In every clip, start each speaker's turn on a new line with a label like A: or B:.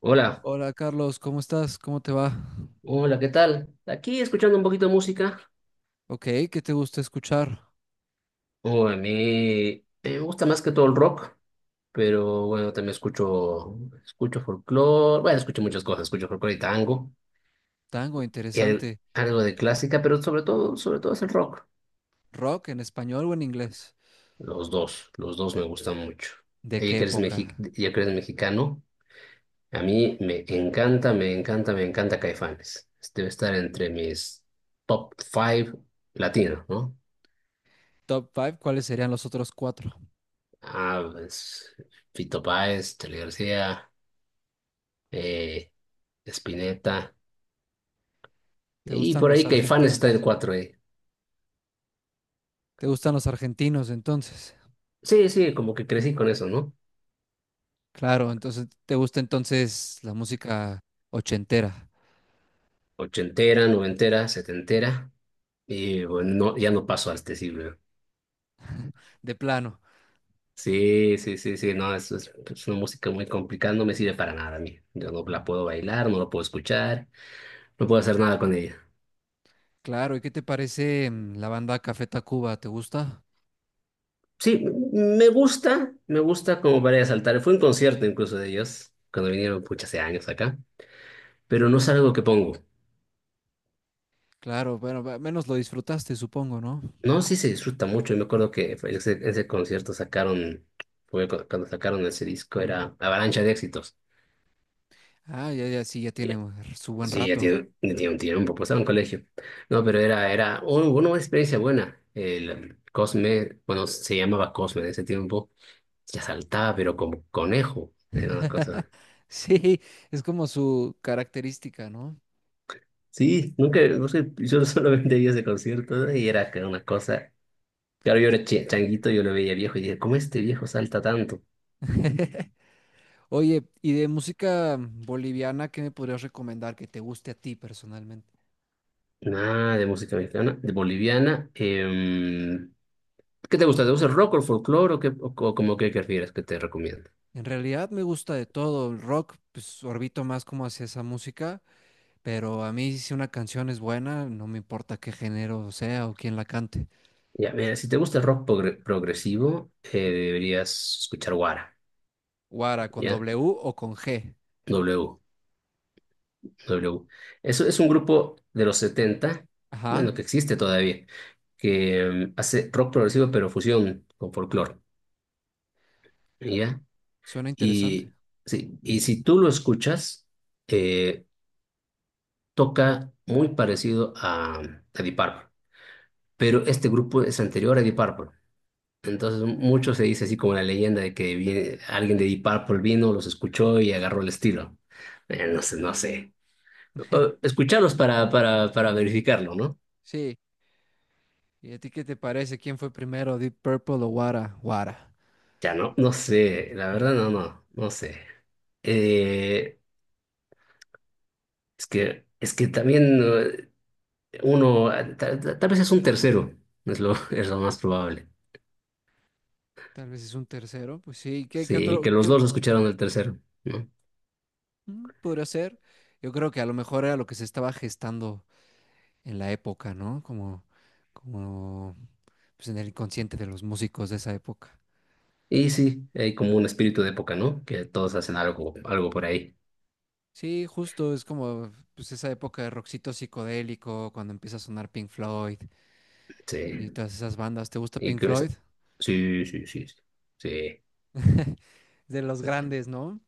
A: Hola,
B: Hola Carlos, ¿cómo estás? ¿Cómo te va?
A: hola, ¿qué tal? Aquí escuchando un poquito de música.
B: Ok, ¿qué te gusta escuchar?
A: Oh, a mí me gusta más que todo el rock, pero bueno, también escucho, escucho muchas cosas, escucho folclore y tango,
B: Tango,
A: y
B: interesante.
A: algo de clásica, pero sobre todo es el rock.
B: ¿Rock en español o en inglés?
A: Los dos me gustan mucho.
B: ¿De qué época?
A: Ya que eres mexicano, a mí me encanta, me encanta, me encanta Caifanes. Debe estar entre mis top five latinos, ¿no?
B: Top 5, ¿cuáles serían los otros cuatro?
A: Ah, pues Fito Páez, Charly García, eh, Spinetta.
B: ¿Te
A: Y
B: gustan
A: por
B: los
A: ahí Caifanes está en el
B: argentinos?
A: 4.
B: ¿Te gustan los argentinos entonces?
A: Sí, sí, como que crecí con eso, ¿no?
B: Claro, entonces te gusta la música ochentera,
A: Ochentera, noventera, setentera. Y bueno, no, ya no paso a este siglo.
B: de plano.
A: Sí, sí, sí, sí, no, es una música muy complicada, no me sirve para nada a mí. Yo no la puedo bailar, no la puedo escuchar, no puedo hacer nada con ella.
B: Claro, ¿y qué te parece la banda Café Tacuba? ¿Te gusta?
A: Sí, me gusta como para ir a saltar. Fue un concierto incluso de ellos, cuando vinieron, pucha, hace años acá. Pero no es algo que pongo.
B: Claro, bueno, al menos lo disfrutaste, supongo, ¿no?
A: No, sí se disfruta mucho. Y me acuerdo que fue ese concierto sacaron, fue cuando sacaron ese disco, era Avalancha de Éxitos.
B: Ah, ya, ya, sí, ya
A: Y-
B: tiene su buen
A: Sí, ya
B: rato.
A: tiene, ya tiene un tiempo, pues estaba en colegio. No, pero era una experiencia buena. El Cosme, bueno, se llamaba Cosme en ese tiempo, ya saltaba, pero como conejo. Era una cosa.
B: Sí, es como su característica, ¿no?
A: Sí, nunca, no sé, yo solamente vi ese concierto, ¿no? Y era que una cosa. Claro, yo era changuito, yo lo veía viejo y dije, ¿cómo este viejo salta tanto?
B: Oye, y de música boliviana, ¿qué me podrías recomendar que te guste a ti personalmente?
A: Nada de música mexicana, de boliviana. ¿Qué te gusta? ¿Te gusta el rock o el folclore o, qué, o, como que prefieres que te recomiendo?
B: En realidad me gusta de todo, el rock, pues orbito más como hacia esa música, pero a mí si una canción es buena, no me importa qué género sea o quién la cante.
A: Ya, mira, si te gusta el rock progresivo, deberías escuchar Guara,
B: Guara, con
A: ¿ya?
B: W o con G.
A: W, W. Eso es un grupo de los 70,
B: Ajá,
A: bueno, que existe todavía, que hace rock progresivo pero fusión con folclore, ¿ya?
B: suena interesante.
A: Y sí, y si tú lo escuchas, eh, toca muy parecido a, Deep Purple. Pero este grupo es anterior a Deep Purple. Entonces, mucho se dice así como la leyenda de que alguien
B: De-
A: de Deep Purple vino, los escuchó y agarró el estilo. No sé, no sé. Escucharlos para, para verificarlo, ¿no?
B: Sí, ¿y a ti qué te parece? ¿Quién fue primero, Deep Purple o Guara? Guara.
A: Ya no, no sé, la verdad no sé. Eh, es que también uno, tal vez es un tercero, es lo, es lo más probable.
B: Tal vez es un tercero, pues sí, ¿qué
A: Sí,
B: otro
A: que los
B: qué,
A: dos escucharon el tercero, ¿no?
B: ¿podría ser? Yo creo que a lo mejor era lo que se estaba gestando en la época, ¿no? Como, como pues en el inconsciente de los músicos de esa época.
A: Y sí, hay como un espíritu de época, ¿no? Que todos hacen algo, algo por ahí.
B: Sí, justo, es como pues esa época de rockcito psicodélico, cuando empieza a sonar Pink Floyd y
A: Sí.
B: todas esas bandas. ¿Te gusta
A: Y
B: Pink
A: que esa-
B: Floyd?
A: sí, sí, sí, sí. Sí,
B: De los grandes, ¿no?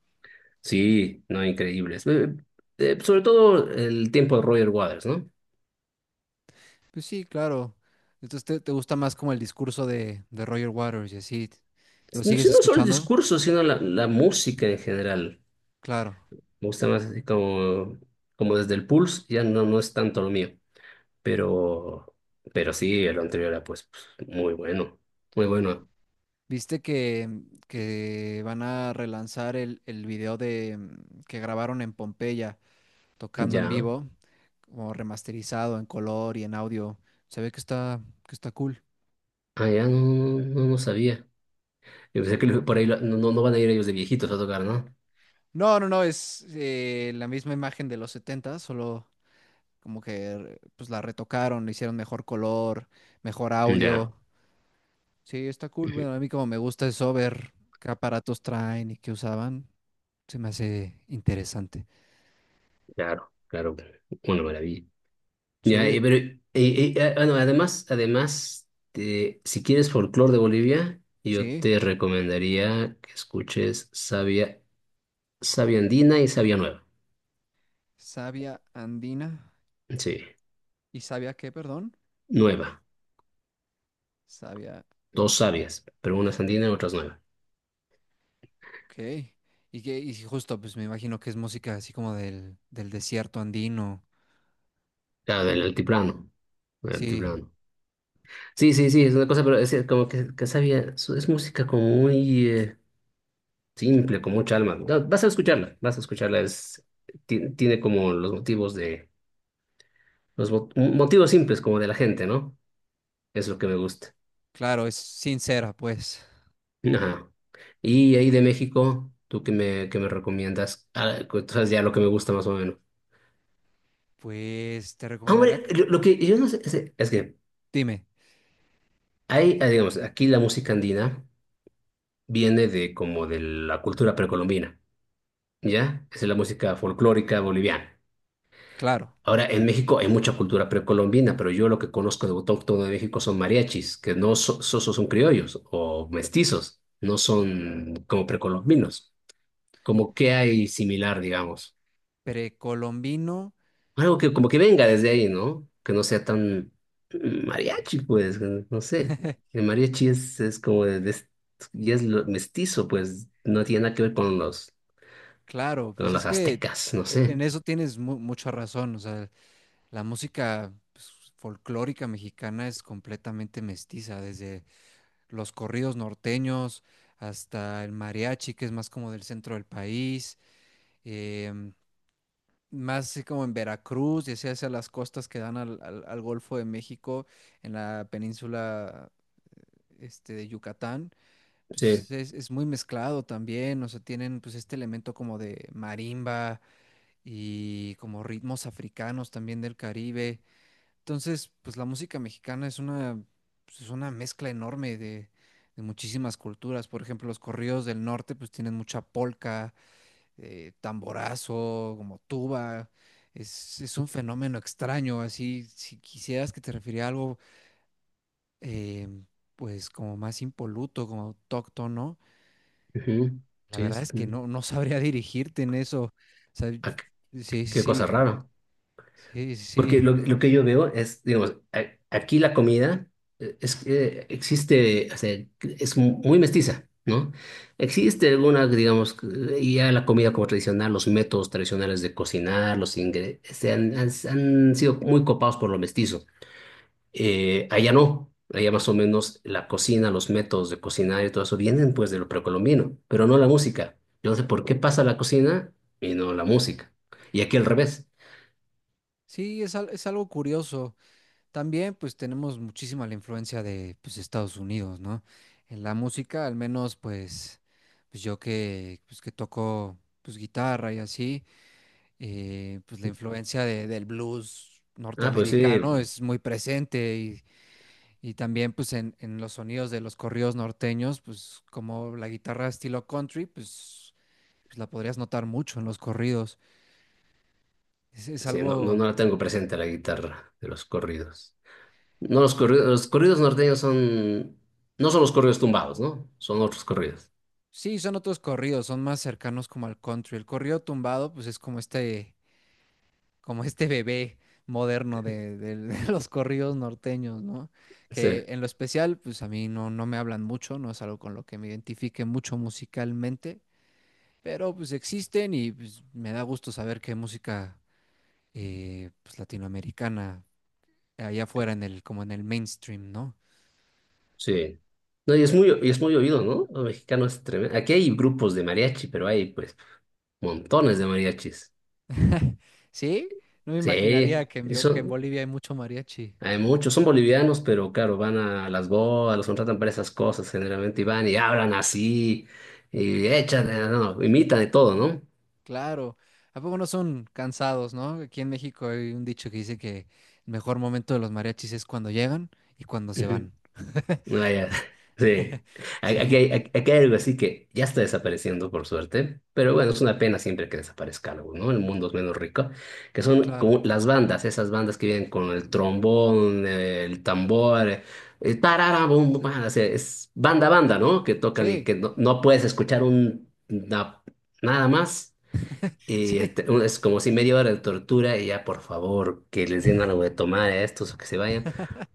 A: sí, no, increíbles. Sobre todo el tiempo de Roger Waters, ¿no?
B: Pues sí, claro. Entonces te gusta más como el discurso de Roger Waters y así. ¿Lo sigues
A: Si no solo el
B: escuchando?
A: discurso, sino la música en general.
B: Claro.
A: Me gusta más así como desde el Pulse, ya no, no es tanto lo mío. Pero, pero sí, el anterior era pues, muy bueno. Muy bueno.
B: ¿Viste que van a relanzar el video de que grabaron en Pompeya tocando en
A: Ya.
B: vivo, como remasterizado en color y en audio? Se ve que está cool.
A: Ah, ya no sabía. Yo pensé
B: Sí,
A: que
B: sí.
A: por ahí no van a ir ellos de viejitos a tocar, ¿no?
B: No, no, no, es la misma imagen de los 70, solo como que pues la retocaron, le hicieron mejor color, mejor
A: Ya,
B: audio. Sí, está cool.
A: ujú,
B: Bueno, a mí como me gusta eso, ver qué aparatos traen y qué usaban, se me hace interesante.
A: claro, claro, una maravilla. Ya,
B: Sí,
A: pero, bueno, además, si quieres folclore de Bolivia, yo
B: sí,
A: te recomendaría que escuches Sabia, Sabia Andina y Sabia Nueva.
B: Savia andina.
A: Sí,
B: ¿Y sabia qué, perdón?
A: nueva,
B: Sabia.
A: dos sabias, pero una es andina y otra es nueva.
B: Ok. Y que, y sí, justo, pues me imagino que es música así como del, del desierto andino.
A: Claro, del altiplano, del
B: Sí,
A: altiplano. Sí, sí, sí, es una cosa, pero es como que, sabia, es música como muy simple, con mucha alma. Ya, vas a escucharla, vas a escucharla. Tiene como los motivos de, los motivos simples como de la gente, ¿no? Es lo que me gusta.
B: claro, es sincera, pues.
A: Ajá. Y ahí de México, ¿tú qué me recomiendas? Ah, tú sabes ya lo que me gusta más o menos.
B: Pues te
A: Ah,
B: recomendaría
A: hombre, lo que yo no sé es que
B: dime,
A: hay, digamos, aquí la música andina viene de como de la cultura precolombina, ¿ya? Es la música folclórica boliviana.
B: claro.
A: Ahora, en México hay mucha cultura precolombina, pero yo lo que conozco de autóctono de México son mariachis, que no son criollos o mestizos, no son como precolombinos. Como que hay similar, digamos.
B: Precolombino.
A: Algo que como que venga desde ahí, ¿no? Que no sea tan mariachi, pues, que no sé. El mariachi es como mestizo, pues, no tiene nada que ver con los,
B: Claro, pues
A: con
B: es
A: los
B: que
A: aztecas, no
B: en
A: sé.
B: eso tienes mucha razón. O sea, la música pues, folclórica mexicana es completamente mestiza desde los corridos norteños, hasta el mariachi, que es más como del centro del país, em, más así como en Veracruz, y hacia, hacia las costas que dan al, al Golfo de México, en la península este, de Yucatán.
A: Sí.
B: Pues es muy mezclado también, o sea, tienen pues este elemento como de marimba y como ritmos africanos también del Caribe. Entonces, pues la música mexicana es una, pues, es una mezcla enorme de muchísimas culturas. Por ejemplo, los corridos del norte, pues tienen mucha polca, tamborazo, como tuba. Es un fenómeno extraño. Así, si quisieras que te refiriera a algo, eh, pues como más impoluto, como autóctono, ¿no?
A: Ujú.
B: La
A: Sí,
B: verdad es que no, no sabría dirigirte en eso. O sea,
A: ah, qué
B: sí, sí,
A: qué cosa
B: sí,
A: rara.
B: sí, sí.
A: Porque
B: Sí,
A: lo que yo veo es, digamos, aquí la comida es que existe, o sea, es muy mestiza, ¿no? Existe algunas, digamos, y ya la comida como tradicional, los métodos tradicionales de cocinar, los ingredientes, se han sido muy copados por lo mestizo. Allá no, allá más o menos la cocina, los métodos de cocinar y todo eso vienen pues de lo precolombino, pero no la música. Yo no sé por qué pasa la cocina y no la música. Y aquí al revés.
B: sí, es, es algo curioso. También pues tenemos muchísima la influencia de pues Estados Unidos, ¿no? En la música, al menos pues, pues yo que pues que toco pues guitarra y así, pues la influencia del blues
A: Ah, pues sí.
B: norteamericano es muy presente y también pues en los sonidos de los corridos norteños, pues como la guitarra estilo country, pues, pues la podrías notar mucho en los corridos. Es
A: Sí, no, no,
B: algo,
A: no la tengo presente la guitarra de los corridos. No, los corridos, norteños son, no son los corridos tumbados, ¿no? Son otros corridos.
B: sí, son otros corridos, son más cercanos como al country. El corrido tumbado pues es como este bebé moderno de, de los corridos norteños, ¿no?
A: Sí,
B: Que en lo especial, pues a mí no, no me hablan mucho, no es algo con lo que me identifique mucho musicalmente, pero pues existen y pues, me da gusto saber que música pues, latinoamericana allá afuera en el, como en el mainstream, ¿no?
A: sí. No, y es muy oído, ¿no? Lo mexicano es tremendo. Aquí hay grupos de mariachi, pero hay pues montones de mariachis.
B: Sí, no me imaginaría
A: Sí,
B: que en, que en
A: eso,
B: Bolivia hay mucho mariachi.
A: hay muchos. Son bolivianos, pero claro, van a las bodas, los contratan para esas cosas generalmente y van y hablan así, y echan, no, imitan de todo, ¿no?
B: Claro, ¿a poco no son cansados, no? Aquí en México hay un dicho que dice que el mejor momento de los mariachis es cuando llegan y cuando se
A: Ujú.
B: van.
A: No, ya, sí. Aquí
B: Sí,
A: hay, aquí hay algo así que ya está desapareciendo, por suerte, pero bueno, es una pena siempre que desaparezca algo, ¿no? El mundo es menos rico, que
B: sí,
A: son
B: claro.
A: como las bandas, esas bandas que vienen con el trombón, el tambor, el tarara, bum, bum, bam, o sea, es banda, banda, ¿no? Que tocan y
B: Sí,
A: que no puedes escuchar un, nada más. Y
B: sí,
A: este, es como si media hora de tortura y ya, por favor, que les den algo de tomar a estos o que se vayan,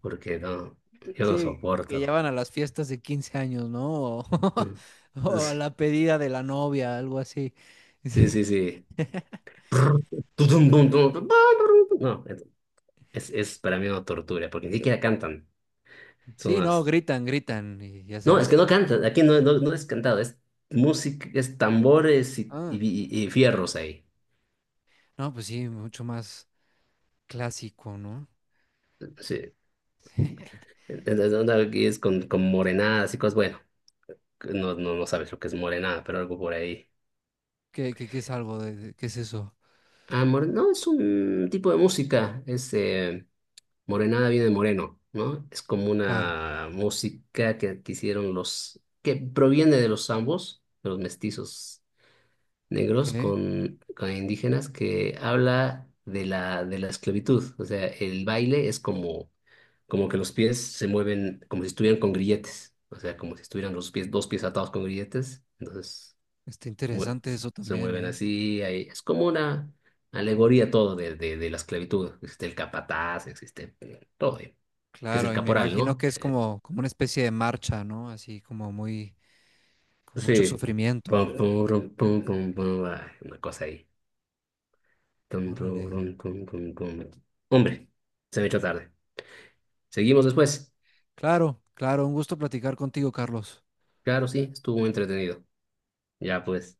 A: porque no, yo no
B: sí, que ya
A: soporto.
B: van a las fiestas de 15 años, ¿no? O,
A: Mm.
B: o a la pedida de la novia, algo así.
A: Sí,
B: Sí,
A: sí, sí. Tutum, tum, tum, tum, pa, ru, tum. No, es para mí una tortura, porque ni siquiera cantan. Son
B: sí, no,
A: unas.
B: gritan, gritan, y ya
A: No, es
B: sabes
A: que no cantan, aquí no es cantado, es música, es tambores y,
B: ah,
A: y fierros ahí.
B: no, pues sí, mucho más clásico, ¿no?
A: Sí. Entonces, onda aquí es con, morenadas y cosas, bueno, no sabes lo que es morenada, pero algo por ahí.
B: ¿Qué, qué es algo de, qué es eso?
A: Ah, no, es un tipo de música, Morenada viene de moreno, ¿no? Es como
B: Claro,
A: una música que hicieron que proviene de los zambos, de los mestizos negros
B: ok.
A: con indígenas, que habla de la esclavitud. O sea, el baile es como que los pies se mueven como si estuvieran con grilletes. O sea, como si estuvieran los pies, dos pies atados con grilletes. Entonces,
B: Está
A: mue-
B: interesante eso
A: se
B: también,
A: mueven
B: ¿eh?
A: así. Es como una
B: Como,
A: alegoría todo de la esclavitud. Existe el capataz, existe todo que es el
B: claro, y me
A: caporal,
B: imagino
A: ¿no?
B: que es como, como una especie de marcha, ¿no? Así como muy, con mucho
A: Sí.
B: sufrimiento.
A: Pum, pum, rum, pum, pum, pum, ah, una cosa ahí. Tum, tum,
B: Órale.
A: rum, tum, tum, tum. Hombre, se me echó tarde. Seguimos después.
B: Claro, claro, un gusto platicar contigo, Carlos.
A: Claro, sí, estuvo entretenido. Ya pues.